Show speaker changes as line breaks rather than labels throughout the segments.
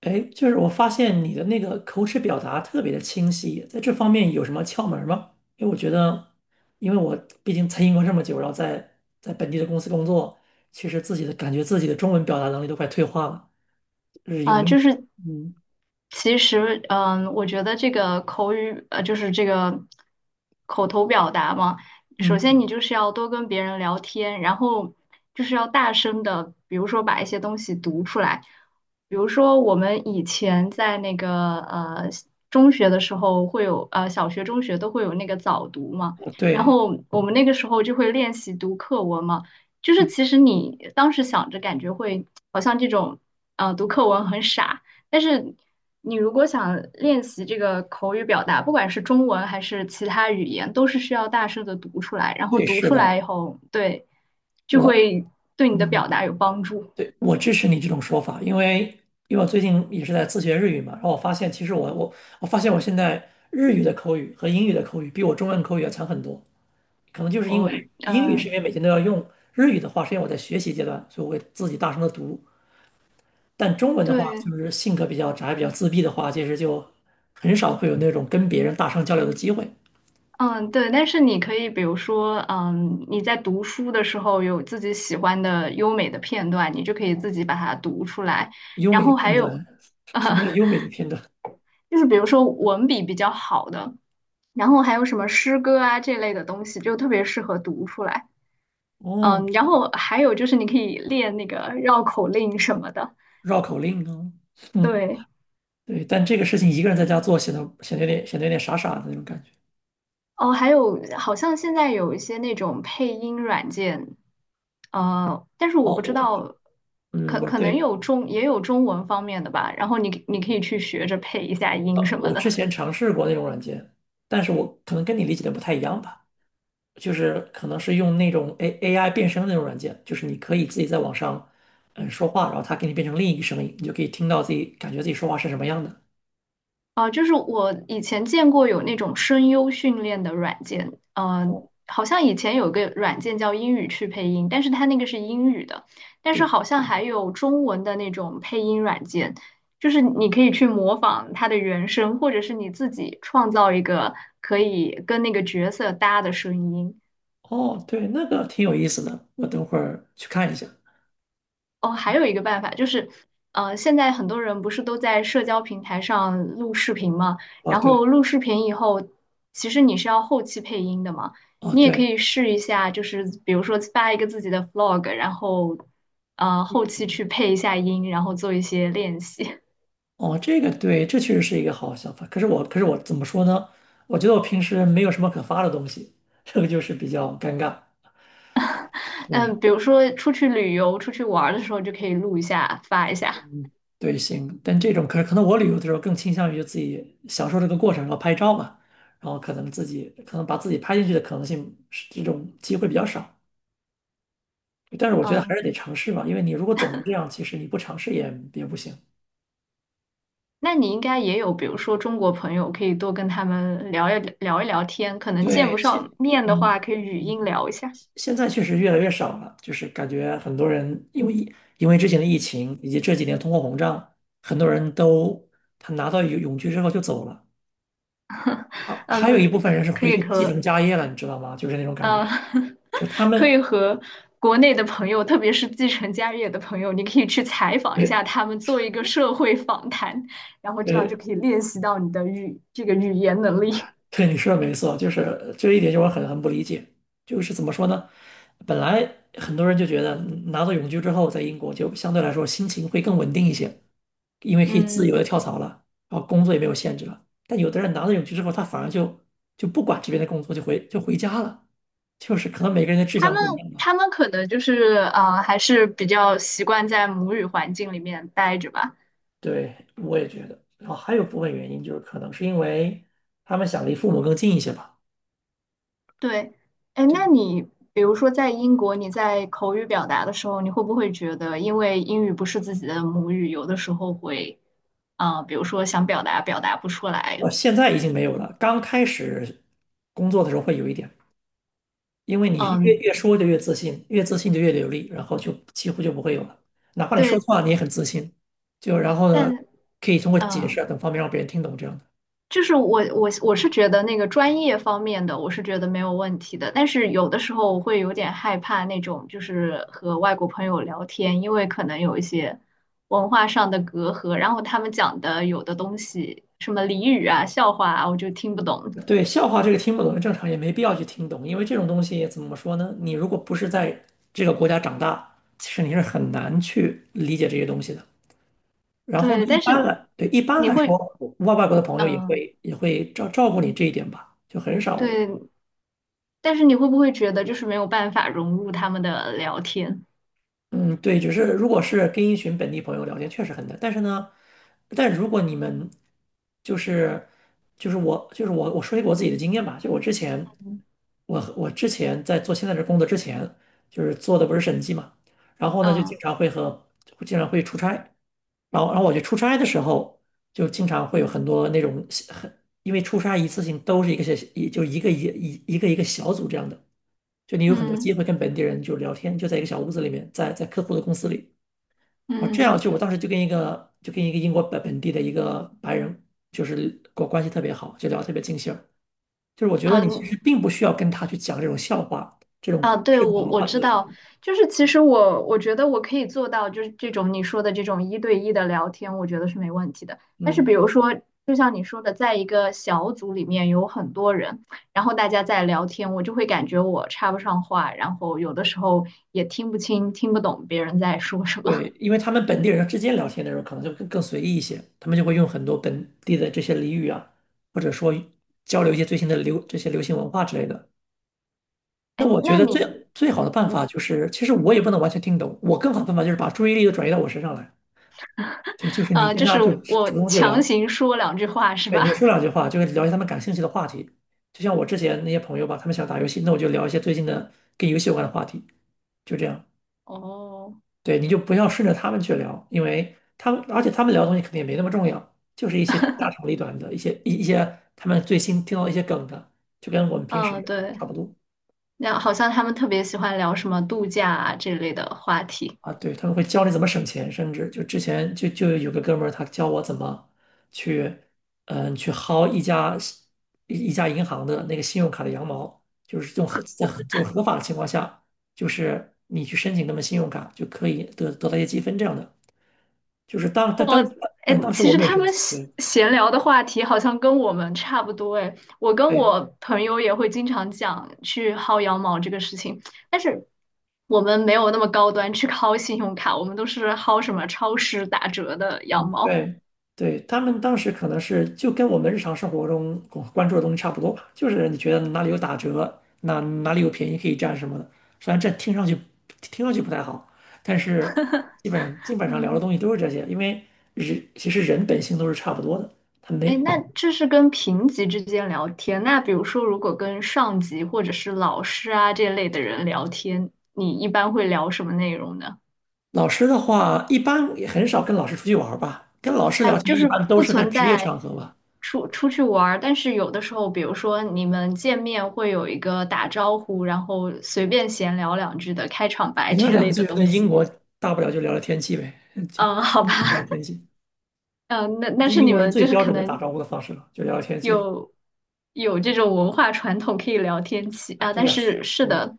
哎，就是我发现你的那个口齿表达特别的清晰，在这方面有什么窍门儿吗？因为我觉得，因为我毕竟在英国这么久，然后在本地的公司工作，其实自己的感觉自己的中文表达能力都快退化了，就是有
啊，
没有？
就是
嗯
其实，嗯，我觉得这个口语，就是这个口头表达嘛，首
嗯，
先你就是要多跟别人聊天，然后就是要大声的，比如说把一些东西读出来，比如说我们以前在那个中学的时候会有，小学、中学都会有那个早读嘛，然
对，
后我们那个时候就会练习读课文嘛。就是
嗯
其实你当时想着感觉会好像这种，读课文很傻，但是你如果想练习这个口语表达，不管是中文还是其他语言，都是需要大声的读出来，然后
对，
读
是
出
的，
来以后，对，就
我
会对你的表
嗯
达有帮助。
对，我支持你这种说法，因为我最近也是在自学日语嘛，然后我发现其实我发现我现在日语的口语和英语的口语比我中文口语要强很多。可能就是因为
哦，
英语是因
嗯，
为每天都要用，日语的话是因为我在学习阶段，所以我会自己大声的读。但中文的话，就
对。
是性格比较宅、比较自闭的话，其实就很少会有那种跟别人大声交流的机会。
嗯，对，但是你可以，比如说，嗯，你在读书的时候有自己喜欢的优美的片段，你就可以自己把它读出来。
优
然
美的
后还
片
有，
段，什么
啊。
叫优美的片段？
就是比如说文笔比较好的，然后还有什么诗歌啊这类的东西，就特别适合读出来。
哦，
嗯，然后还有就是你可以练那个绕口令什么的。
绕口令啊，嗯，
对，
对。但这个事情一个人在家做，显得有点傻傻的那种感觉。
哦，还有好像现在有一些那种配音软件，但是我
哦，
不知
我，
道，
嗯，
可
我
可能
对，
有中也有中文方面的吧。然后你可以去学着配一下音什么
我之
的。
前尝试过那种软件，但是我可能跟你理解的不太一样吧。就是可能是用那种 AI 变声的那种软件，就是你可以自己在网上说话，然后它给你变成另一个声音，你就可以听到自己感觉自己说话是什么样的。
啊，就是我以前见过有那种声优训练的软件，好像以前有一个软件叫英语去配音，但是它那个是英语的，但是
对，
好像还有中文的那种配音软件，就是你可以去模仿它的原声，或者是你自己创造一个可以跟那个角色搭的声音。
哦，对，那个挺有意思的，我等会儿去看一下。
哦，还有一个办法就是，现在很多人不是都在社交平台上录视频嘛，
哦，
然后
对，
录视频以后，其实你是要后期配音的嘛，
哦，
你也可
对，
以试一下，就是比如说发一个自己的 vlog，然后，后期去配一下音，然后做一些练习。
哦，这个对，这确实是一个好想法。可是我怎么说呢？我觉得我平时没有什么可发的东西，这个就是比较尴尬。对，
嗯，比如说出去旅游、出去玩儿的时候就可以录一下，发一下。
嗯，对，行，但这种可能我旅游的时候更倾向于就自己享受这个过程，然后拍照嘛，然后可能自己可能把自己拍进去的可能性是这种机会比较少，但是我觉得还
嗯。
是得尝试吧，因为你如果总是这样，其实你不尝试也不行。
那你应该也有，比如说中国朋友，可以多跟他们聊天。可能见不
对，
上面的话，
嗯
可以语
嗯，
音聊一下。
现在确实越来越少了，就是感觉很多人因为之前的疫情以及这几年通货膨胀，很多人都他拿到永居之后就走了。啊，还有
嗯，
一部分
可
人是
可
回
以
去继承
和
家业了，你知道吗？就是那种感觉。
嗯，
就是 他
可以
们，
和国内的朋友，特别是继承家业的朋友，你可以去采访一
呃
下他们，做一个社会访谈，然后这样就
呃，
可以练习到你的语这个语言能力。
对，你说的没错，就是这一点就我很不理解，就是怎么说呢？本来很多人就觉得拿到永居之后，在英国就相对来说心情会更稳定一些，因为可以自由的
嗯，
跳槽了，然后工作也没有限制了。但有的人拿到永居之后，他反而就不管这边的工作，就回家了，就是可能每个人的志
他
向
们
不一样吧。
他们可能就是啊，还是比较习惯在母语环境里面待着吧。
对，我也觉得。然后还有部分原因就是可能是因为他们想离父母更近一些吧。
对，哎，那你比如说在英国，你在口语表达的时候，你会不会觉得，因为英语不是自己的母语，有的时候会，比如说想表达不出来，
现在已经没有了。刚开始工作的时候会有一点，因为你越
嗯，
越说就越自信，越自信就越流利，然后就几乎就不会有了。哪怕你说
对，
错了，你也很自信。就然后呢，
但
可以通过
嗯、
解释
呃
啊等方面让别人听懂这样的。
就是我是觉得那个专业方面的，我是觉得没有问题的，但是有的时候我会有点害怕那种，就是和外国朋友聊天，因为可能有一些文化上的隔阂，然后他们讲的有的东西，什么俚语啊、笑话啊，我就听不懂。
对，笑话这个听不懂是正常，也没必要去听懂，因为这种东西怎么说呢？你如果不是在这个国家长大，其实你是很难去理解这些东西的。然后呢，
对，
一
但
般
是
来，对，一般
你
来说，
会，
外国的朋友也
嗯、
会也会照顾你这一点吧，就很少。
对，但是你会不会觉得就是没有办法融入他们的聊天？
嗯，对，就是如果是跟一群本地朋友聊天，确实很难。但是呢，但如果你们就是就是我就是我我说一个我自己的经验吧，就我之前
嗯
我我之前在做现在这工作之前，就是做的不是审计嘛，然后呢就经
嗯
常会和经常会出差，然后我去出差的时候，就经常会有很多那种因为出差一次性都是一个小一就一个一一一个一个小组这样的。就你有很多机
嗯
会跟本地人就聊天，就在一个小屋子里面，在客户的公司里。啊，这样
嗯。
就我当时就跟一个英国本地的一个白人，就是跟我关系特别好，就聊得特别尽兴儿。就是我觉得你其
嗯
实并不需要跟他去讲这种笑话，这种
啊，对，
社交
我
文
我
化
知
交
道，
流。
就是其实我觉得我可以做到，就是这种你说的这种一对一的聊天，我觉得是没问题的。但是比
嗯，
如说，就像你说的，在一个小组里面有很多人，然后大家在聊天，我就会感觉我插不上话，然后有的时候也听不清、听不懂别人在说什么。
对，因为他们本地人之间聊天的时候可能就更随意一些，他们就会用很多本地的这些俚语啊，或者说交流一些最新的这些流行文化之类的。
哎，
那我觉
那
得
你，
最好的办
你
法就是，其实我也不能完全听懂，我更好的办法就是把注意力都转移到我身上来。对，就是你跟
就
他
是
就
我
主动去
强
聊，
行说两句话是
对，你
吧？
说两句话，就是聊一些他们感兴趣的话题。就像我之前那些朋友吧，他们想打游戏，那我就聊一些最近的跟游戏有关的话题，就这样。
哦，
对，你就不要顺着他们去聊，因为他们，而且他们聊的东西肯定也没那么重要，就是一些家长里短的一些他们最新听到的一些梗的，就跟我们平时
嗯，对，
差不多。
那好像他们特别喜欢聊什么度假啊这类的话题。
啊，对，他们会教你怎么省钱，甚至就之前就有个哥们儿，他教我怎么去，去薅一家银行的那个信用卡的羊毛，就是用合在合就是合法的情况下，就是你去申请他们信用卡就可以得到一些积分这样的。就是
我哎，
当时
其
我
实
没有
他
申
们
请，
闲
对
闲聊的话题好像跟我们差不多哎。我跟
对，
我朋友也会经常讲去薅羊毛这个事情，但是我们没有那么高端去薅信用卡，我们都是薅什么超市打折的羊毛。
对，对，他们当时可能是就跟我们日常生活中关注的东西差不多吧，就是你觉得哪里有打折，哪里有便宜可以占什么的。虽然这听上去不太好，但是基本上聊的东
嗯，
西都是这些，因为人其实人本性都是差不多的。他
哎，
没
那这是跟平级之间聊天。那比如说，如果跟上级或者是老师啊这类的人聊天，你一般会聊什么内容呢？
老师的话，一般也很少跟老师出去玩儿吧，跟老师
哎，
聊
就
天一
是
般都
不
是在
存
职业
在
场合吧。
出去玩儿，但是有的时候，比如说你们见面会有一个打招呼，然后随便闲聊两句的开场白
人家
这
两个
类
就
的
觉得
东
英
西。
国大不了就聊聊天气呗，就
嗯，好
聊
吧，
聊天气。
嗯，那但
这是
是
英
你
国人
们
最
就是
标
可
准的打
能
招呼的方式了，就聊聊天记，
有有这种文化传统可以聊天气啊，
对
但
呀，
是是
嗯，
的，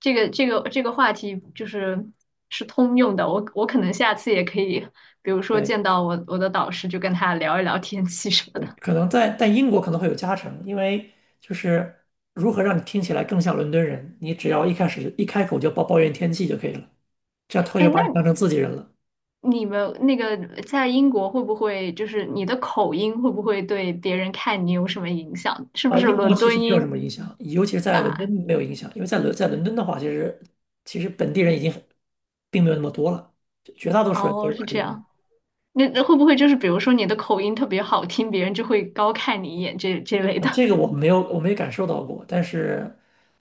这个话题就是是通用的，我我可能下次也可以，比如说
对
见到我的导师就跟他聊一聊天气什么
对，
的。
可能英国可能会有加成，因为就是如何让你听起来更像伦敦人，你只要一开口就抱怨天气就可以了，这样他
哎，
就把
那
你当成自己人了。
你们那个在英国会不会就是你的口音会不会对别人看你有什么影响？是不
啊、
是
英国
伦
其实
敦
没有什
音
么影响，尤其是在伦
啊？
敦没有影响，因为在伦敦的话，其实本地人已经很并没有那么多了，绝大多数人都
哦，
是
是
外地
这
人。
样。那那会不会就是比如说你的口音特别好听，别人就会高看你一眼这这类的？
这个我没有感受到过，但是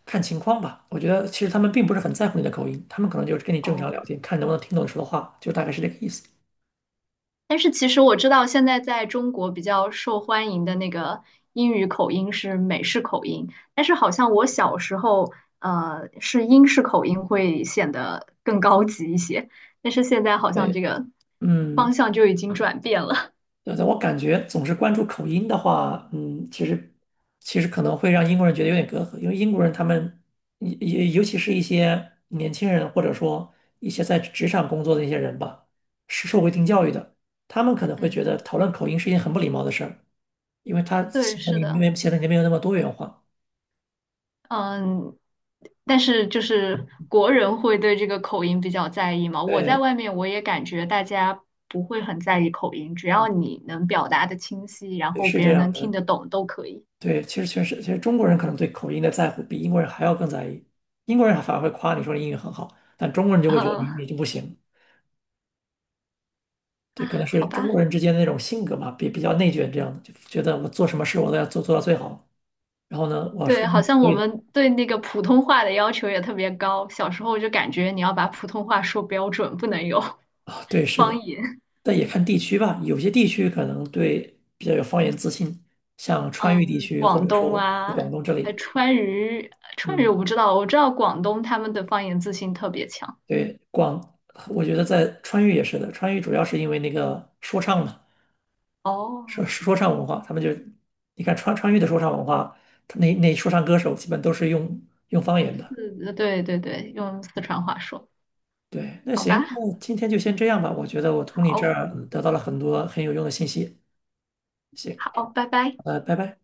看情况吧。我觉得其实他们并不是很在乎你的口音，他们可能就是跟你 正常聊
哦。
天，看能不能听懂你说的话，就大概是这个意思。
但是其实我知道，现在在中国比较受欢迎的那个英语口音是美式口音，但是好像我小时候，是英式口音会显得更高级一些，但是现在好像
对，
这个
嗯，
方向就已经转变了。
对的，我感觉总是关注口音的话，其实可能会让英国人觉得有点隔阂，因为英国人他们也尤其是一些年轻人，或者说一些在职场工作的一些人吧，是受过一定教育的，他们可能 会觉
嗯，
得讨论口音是一件很不礼貌的事儿。因为他
对，
显得
是
你
的，
没显得你没有那么多元化。
嗯，但是就是国人会对这个口音比较在意嘛。我在
对，
外面我也感觉大家不会很在意口音，只要
嗯，
你能表达的清晰，然
对，
后
是
别
这
人
样
能听
的。
得懂都可以。
对，其实确实，其实中国人可能对口音的在乎比英国人还要更在意。英国人还反而会夸你说你英语很好，但中国人就会觉得你
呃，
你就不行。对，可能是
好
中
吧，
国人之间的那种性格嘛，比较内卷这样的，就觉得我做什么事我都要做到最好。然后呢，我要
对，
说英
好
语
像
可
我
以的
们对那个普通话的要求也特别高。小时候就感觉你要把普通话说标准，不能有
啊，对，是
方
的，
言。
但也看地区吧，有些地区可能对比较有方言自信，像川渝地
嗯，
区或
广
者
东
说
啊，
广东这
还
里，
川渝，川渝我
嗯。
不知道，我知道广东他们的方言自信特别强。
对，我觉得在川渝也是的，川渝主要是因为那个说唱嘛，说
哦，
说唱文化，他们就，你看川渝的说唱文化，他那说唱歌手基本都是用方言的。
是的对对对，用四川话说，
对，那
好
行，
吧，
那今天就先这样吧，我觉得我从你这
好，
儿得到了很多很有用的信息。行，
好，拜拜。
拜拜。